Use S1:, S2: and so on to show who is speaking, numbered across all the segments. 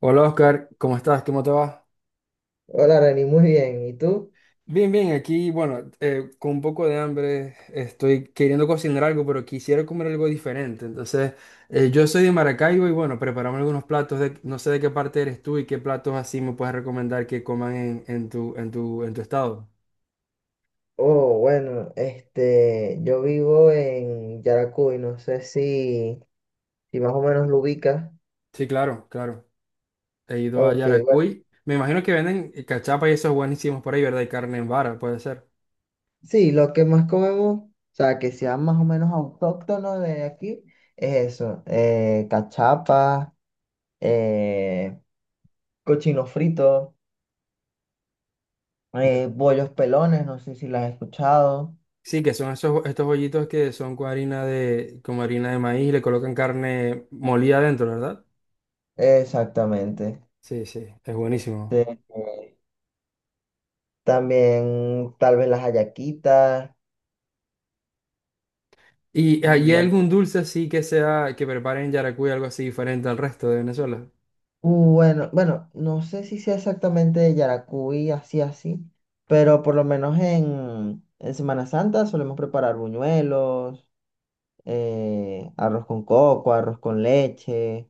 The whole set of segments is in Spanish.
S1: Hola Oscar, ¿cómo estás? ¿Cómo te va?
S2: Hola, Reni, muy bien. ¿Y tú?
S1: Bien, bien, aquí, bueno, con un poco de hambre, estoy queriendo cocinar algo, pero quisiera comer algo diferente. Entonces, yo soy de Maracaibo y bueno, preparamos algunos platos de, no sé de qué parte eres tú y qué platos así me puedes recomendar que coman en tu estado.
S2: Oh, bueno, yo vivo en Yaracuy, no sé si más o menos lo ubicas.
S1: Sí, claro, claro. He ido a
S2: Ok, bueno,
S1: Yaracuy. Me imagino que venden cachapa y esos buenísimos por ahí, ¿verdad? Y carne en vara, puede ser.
S2: sí, lo que más comemos, o sea, que sea más o menos autóctono de aquí, es eso, cachapas, eh, cochino frito, bollos pelones, no sé si las has escuchado.
S1: Sí, que son esos, estos bollitos que son con harina de, como harina de maíz y le colocan carne molida adentro, ¿verdad?
S2: Exactamente.
S1: Sí, sí, es buenísimo.
S2: Este, también tal vez las hallaquitas.
S1: ¿Y hay
S2: Mm.
S1: algún dulce así que sea, que preparen en Yaracuy, algo así diferente al resto de Venezuela?
S2: Bueno, bueno, no sé si sea exactamente de Yaracuy, así, así, pero por lo menos en Semana Santa solemos preparar buñuelos, arroz con coco, arroz con leche,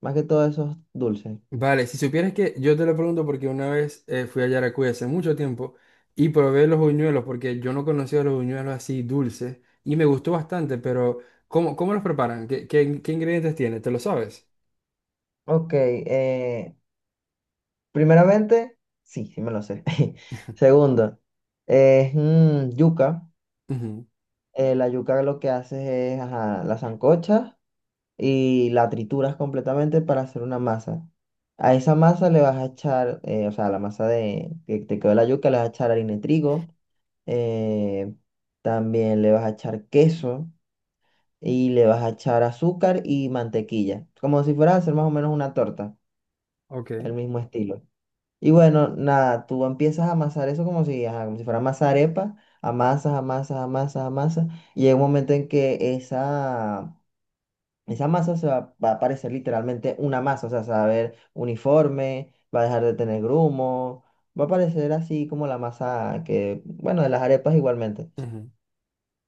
S2: más que todo esos dulces.
S1: Vale, si supieras que yo te lo pregunto porque una vez fui a Yaracuy hace mucho tiempo y probé los buñuelos porque yo no conocía los buñuelos así dulces y me gustó bastante, pero ¿cómo, cómo los preparan? ¿Qué ingredientes tiene? ¿Te lo sabes?
S2: Ok, primeramente, sí, sí me lo sé. Segundo, es yuca.
S1: Ujú,
S2: La yuca lo que haces es, ajá, la sancocha y la trituras completamente para hacer una masa. A esa masa le vas a echar, o sea, a la masa de, que te quedó la yuca, le vas a echar harina de trigo, eh, también le vas a echar queso y le vas a echar azúcar y mantequilla, como si fueras a hacer más o menos una torta,
S1: Ok.
S2: el mismo estilo. Y bueno, nada, tú empiezas a amasar eso como si, ajá, como si fuera masa arepa, amasas, amasas, amasas, amasas, y llega un momento en que esa masa se va, va a parecer literalmente una masa, o sea, se va a ver uniforme, va a dejar de tener grumo, va a parecer así como la masa que, bueno, de las arepas igualmente.
S1: Ujú,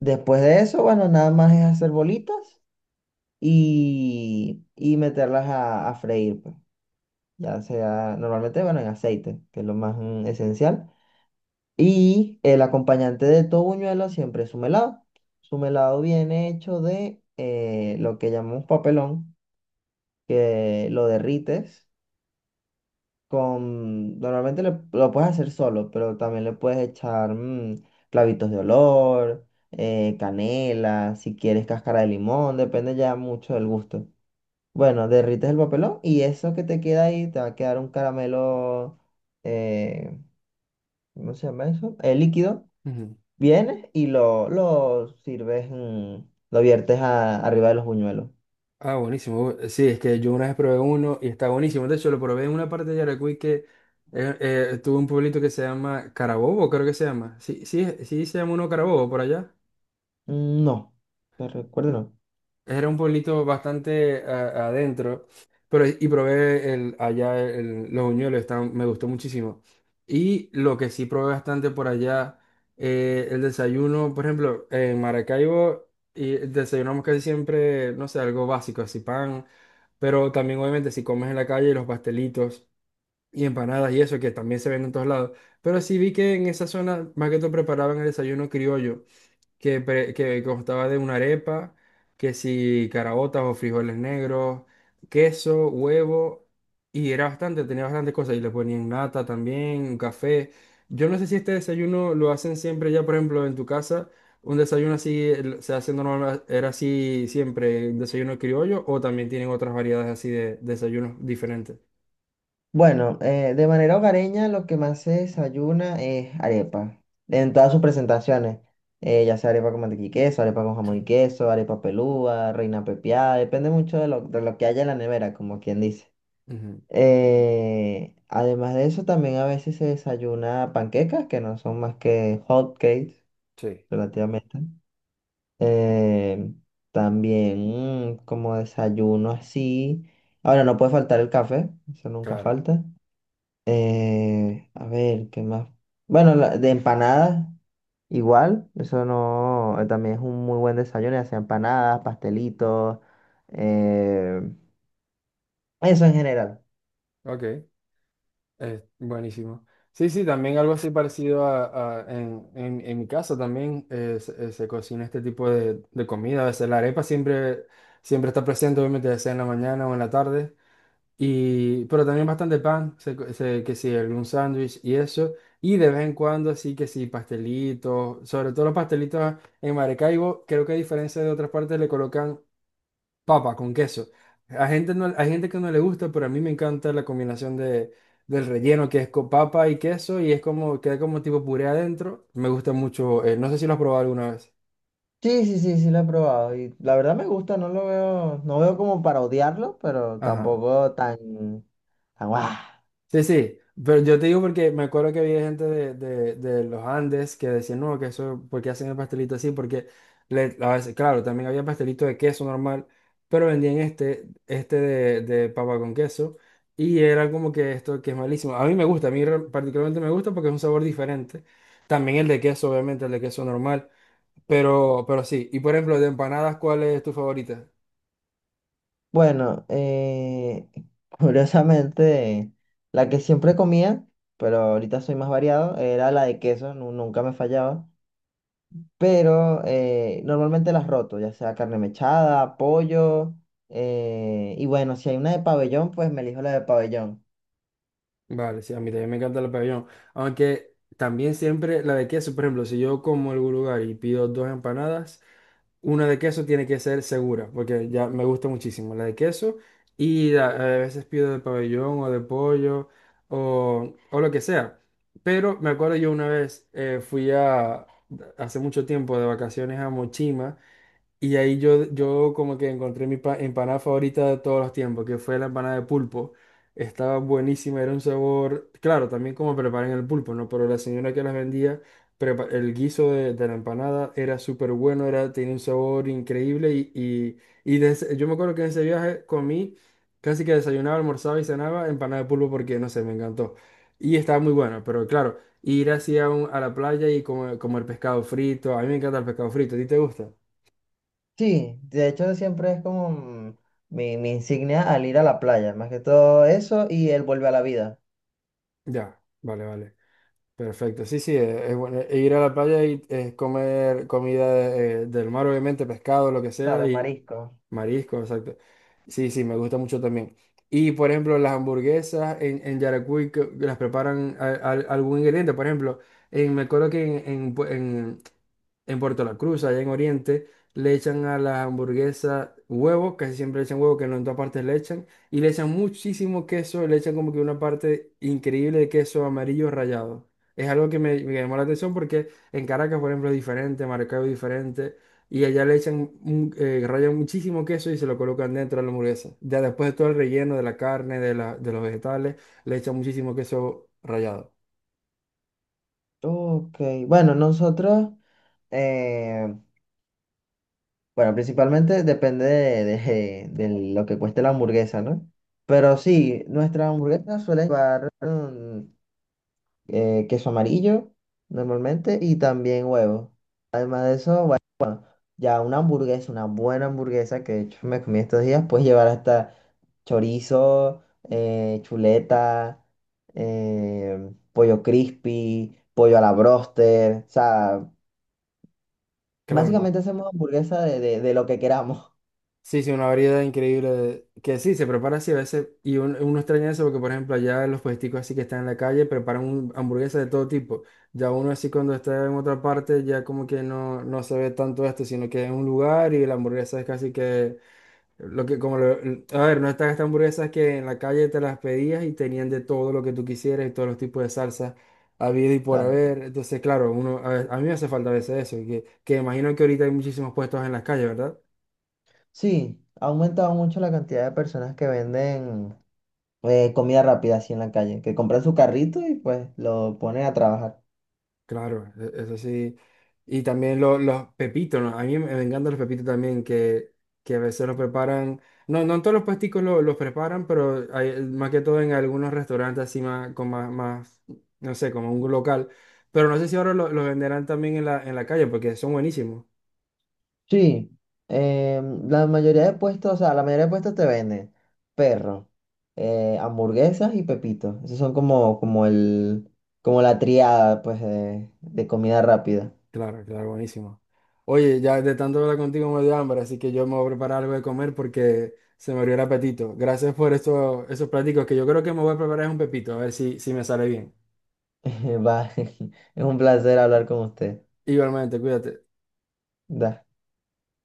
S2: Después de eso, bueno, nada más es hacer bolitas y meterlas a freír, pues. Ya sea, normalmente, bueno, en aceite, que es lo más esencial. Y el acompañante de todo buñuelo siempre es su melado. Su melado viene hecho de lo que llamamos papelón, que lo derrites con... Normalmente lo puedes hacer solo, pero también le puedes echar clavitos de olor, canela, si quieres cáscara de limón, depende ya mucho del gusto. Bueno, derrites el papelón y eso que te queda ahí te va a quedar un caramelo. eh, ¿Cómo se llama eso? El líquido.
S1: ujú.
S2: Vienes y lo sirves, mm, lo viertes arriba de los buñuelos.
S1: Ah, buenísimo. Sí, es que yo una vez probé uno y está buenísimo. De hecho, lo probé en una parte de Yaracuy que tuvo un pueblito que se llama Carabobo, creo que se llama. Sí, sí, sí se llama uno Carabobo por allá.
S2: Mm, no, te recuerdo, no.
S1: Era un pueblito bastante adentro, pero y probé allá los buñuelos, me gustó muchísimo. Y lo que sí probé bastante por allá, el desayuno, por ejemplo, en Maracaibo y desayunamos casi siempre, no sé, algo básico, así pan, pero también obviamente si comes en la calle los pastelitos y empanadas y eso, que también se venden en todos lados. Pero sí vi que en esa zona más que todo preparaban el desayuno criollo que constaba de una arepa, que si caraotas o frijoles negros, queso, huevo, y era bastante, tenía bastantes cosas, y le ponían nata también, café. Yo no sé si este desayuno lo hacen siempre ya, por ejemplo, en tu casa, un desayuno así se hace normal, era así siempre, un desayuno criollo, o también tienen otras variedades así de desayunos diferentes.
S2: Bueno, de manera hogareña lo que más se desayuna es arepa, en todas sus presentaciones, ya sea arepa con mantequilla y queso, arepa con jamón y queso, arepa pelúa, reina pepiada, depende mucho de lo que haya en la nevera, como quien dice.
S1: Ujú.
S2: Además de eso, también a veces se desayuna panquecas, que no son más que hot cakes,
S1: Sí,
S2: relativamente. Eh, también mm, como desayuno así. Ahora, no puede faltar el café, eso nunca
S1: claro.
S2: falta. A ver, ¿qué más? Bueno, de empanadas, igual, eso no, también es un muy buen desayuno, ya sea empanadas, pastelitos, eh, eso en general.
S1: Ok. Buenísimo. Sí, sí, también algo así parecido en mi casa también se cocina este tipo de comida. A veces la arepa siempre, siempre está presente, obviamente, ya sea en la mañana o en la tarde. Y, pero también bastante pan, que sí, algún sándwich y eso. Y de vez en cuando, así que sí, pastelitos, sobre todo los pastelitos en Maracaibo, creo que a diferencia de otras partes le colocan papa con queso. A gente no, hay gente que no le gusta, pero a mí me encanta la combinación de, del relleno que es con papa y queso y es como, queda como tipo puré adentro. Me gusta mucho. No sé si lo has probado alguna vez.
S2: Sí, sí, sí, sí lo he probado y la verdad me gusta, no lo veo, no veo como para odiarlo, pero
S1: Ajá.
S2: tampoco tan, tan guau.
S1: Sí, sí, pero yo te digo porque me acuerdo que había gente de los Andes que decían, no, que eso, ¿por qué hacen el pastelito así? Porque a veces, claro, también había pastelito de queso normal, pero vendían este de papa con queso, y era como que esto que es malísimo. A mí me gusta, particularmente me gusta porque es un sabor diferente. También el de queso, obviamente, el de queso normal, pero sí. Y por ejemplo, de empanadas, ¿cuál es tu favorita?
S2: Bueno, curiosamente, la que siempre comía, pero ahorita soy más variado, era la de queso, nunca me fallaba. Pero normalmente las roto, ya sea carne mechada, pollo, y bueno, si hay una de pabellón, pues me elijo la de pabellón.
S1: Vale, sí, a mí también me encanta el pabellón. Aunque también siempre la de queso, por ejemplo, si yo como algún lugar y pido dos empanadas, una de queso tiene que ser segura, porque ya me gusta muchísimo la de queso y a veces pido de pabellón o de pollo o lo que sea. Pero me acuerdo yo una vez hace mucho tiempo de vacaciones a Mochima. Y ahí yo, yo como que encontré empanada favorita de todos los tiempos, que fue la empanada de pulpo. Estaba buenísima, era un sabor, claro, también como preparan el pulpo, ¿no? Pero la señora que las vendía, el guiso de la empanada era súper bueno, era, tenía un sabor increíble y, yo me acuerdo que en ese viaje comí, casi que desayunaba, almorzaba y cenaba empanada de pulpo porque, no sé, me encantó. Y estaba muy bueno, pero claro, ir así a la playa y comer, comer pescado frito, a mí me encanta el pescado frito, ¿a ti te gusta?
S2: Sí, de hecho siempre es como mm, mi insignia al ir a la playa, más que todo eso y él vuelve a la vida.
S1: Ya, vale, vale. Perfecto. Sí, sí, es, bueno. E ir a la playa y comer comida del mar, obviamente, pescado, lo que sea,
S2: Claro,
S1: y
S2: marisco.
S1: marisco, exacto. Sí, sí, me gusta mucho también. Y, por ejemplo, las hamburguesas en Yaracuy que las preparan algún ingrediente. Por ejemplo, me acuerdo en Puerto La Cruz, allá en Oriente, le echan a la hamburguesa huevo, casi siempre le echan huevo, que no en todas partes le echan, y le echan muchísimo queso, le echan como que una parte increíble de queso amarillo rallado. Es algo que me llamó la atención porque en Caracas, por ejemplo, es diferente, Maracaibo es diferente, y allá le echan, rayan muchísimo queso y se lo colocan dentro de la hamburguesa. Ya después de todo el relleno de la carne, de la, de los vegetales, le echan muchísimo queso rallado.
S2: Ok, bueno, nosotros, eh, bueno, principalmente depende de, de lo que cueste la hamburguesa, ¿no? Pero sí, nuestras hamburguesas suelen llevar mm, queso amarillo normalmente y también huevo. Ya una hamburguesa, una buena hamburguesa que de hecho me comí estos días, puedes llevar hasta chorizo, chuleta, pollo crispy, pollo a la broster. O sea,
S1: Claro,
S2: básicamente hacemos hamburguesa de, de lo que queramos.
S1: sí, sí, una variedad increíble que sí, se prepara así a veces y uno extraña eso porque, por ejemplo, allá los puesticos así que están en la calle preparan hamburguesas de todo tipo. Ya uno así cuando está en otra parte ya como que no, no se ve tanto esto, sino que es un lugar y la hamburguesa es casi que lo que como a ver, no están estas hamburguesas que en la calle te las pedías y tenían de todo lo que tú quisieras y todos los tipos de salsas habido y por
S2: Claro.
S1: haber. Entonces, claro, uno a mí me hace falta a veces eso, que imagino que ahorita hay muchísimos puestos en las calles, ¿verdad?
S2: Sí, ha aumentado mucho la cantidad de personas que venden comida rápida así en la calle, que compran su carrito y pues lo ponen a trabajar.
S1: Claro, es así. Y también los pepitos, ¿no? A mí me me encantan los pepitos también, que a veces los preparan. No, no en todos los puesticos los preparan, pero más que todo en algunos restaurantes así más, más, no sé, como un local. Pero no sé si ahora los venderán también en en la calle, porque son buenísimos.
S2: Sí, la mayoría de puestos, o sea, la mayoría de puestos te venden perro, hamburguesas y pepitos. Esos son como, como el, como la triada, pues, de comida rápida.
S1: Claro, claro, buenísimos. Oye, ya de tanto hablar contigo me dio hambre, así que yo me voy a preparar algo de comer porque se me abrió el apetito. Gracias por estos esos pláticos que yo creo que me voy a preparar es un pepito, a ver si, si me sale bien.
S2: Va, es un placer hablar con usted.
S1: Igualmente, cuídate.
S2: Da.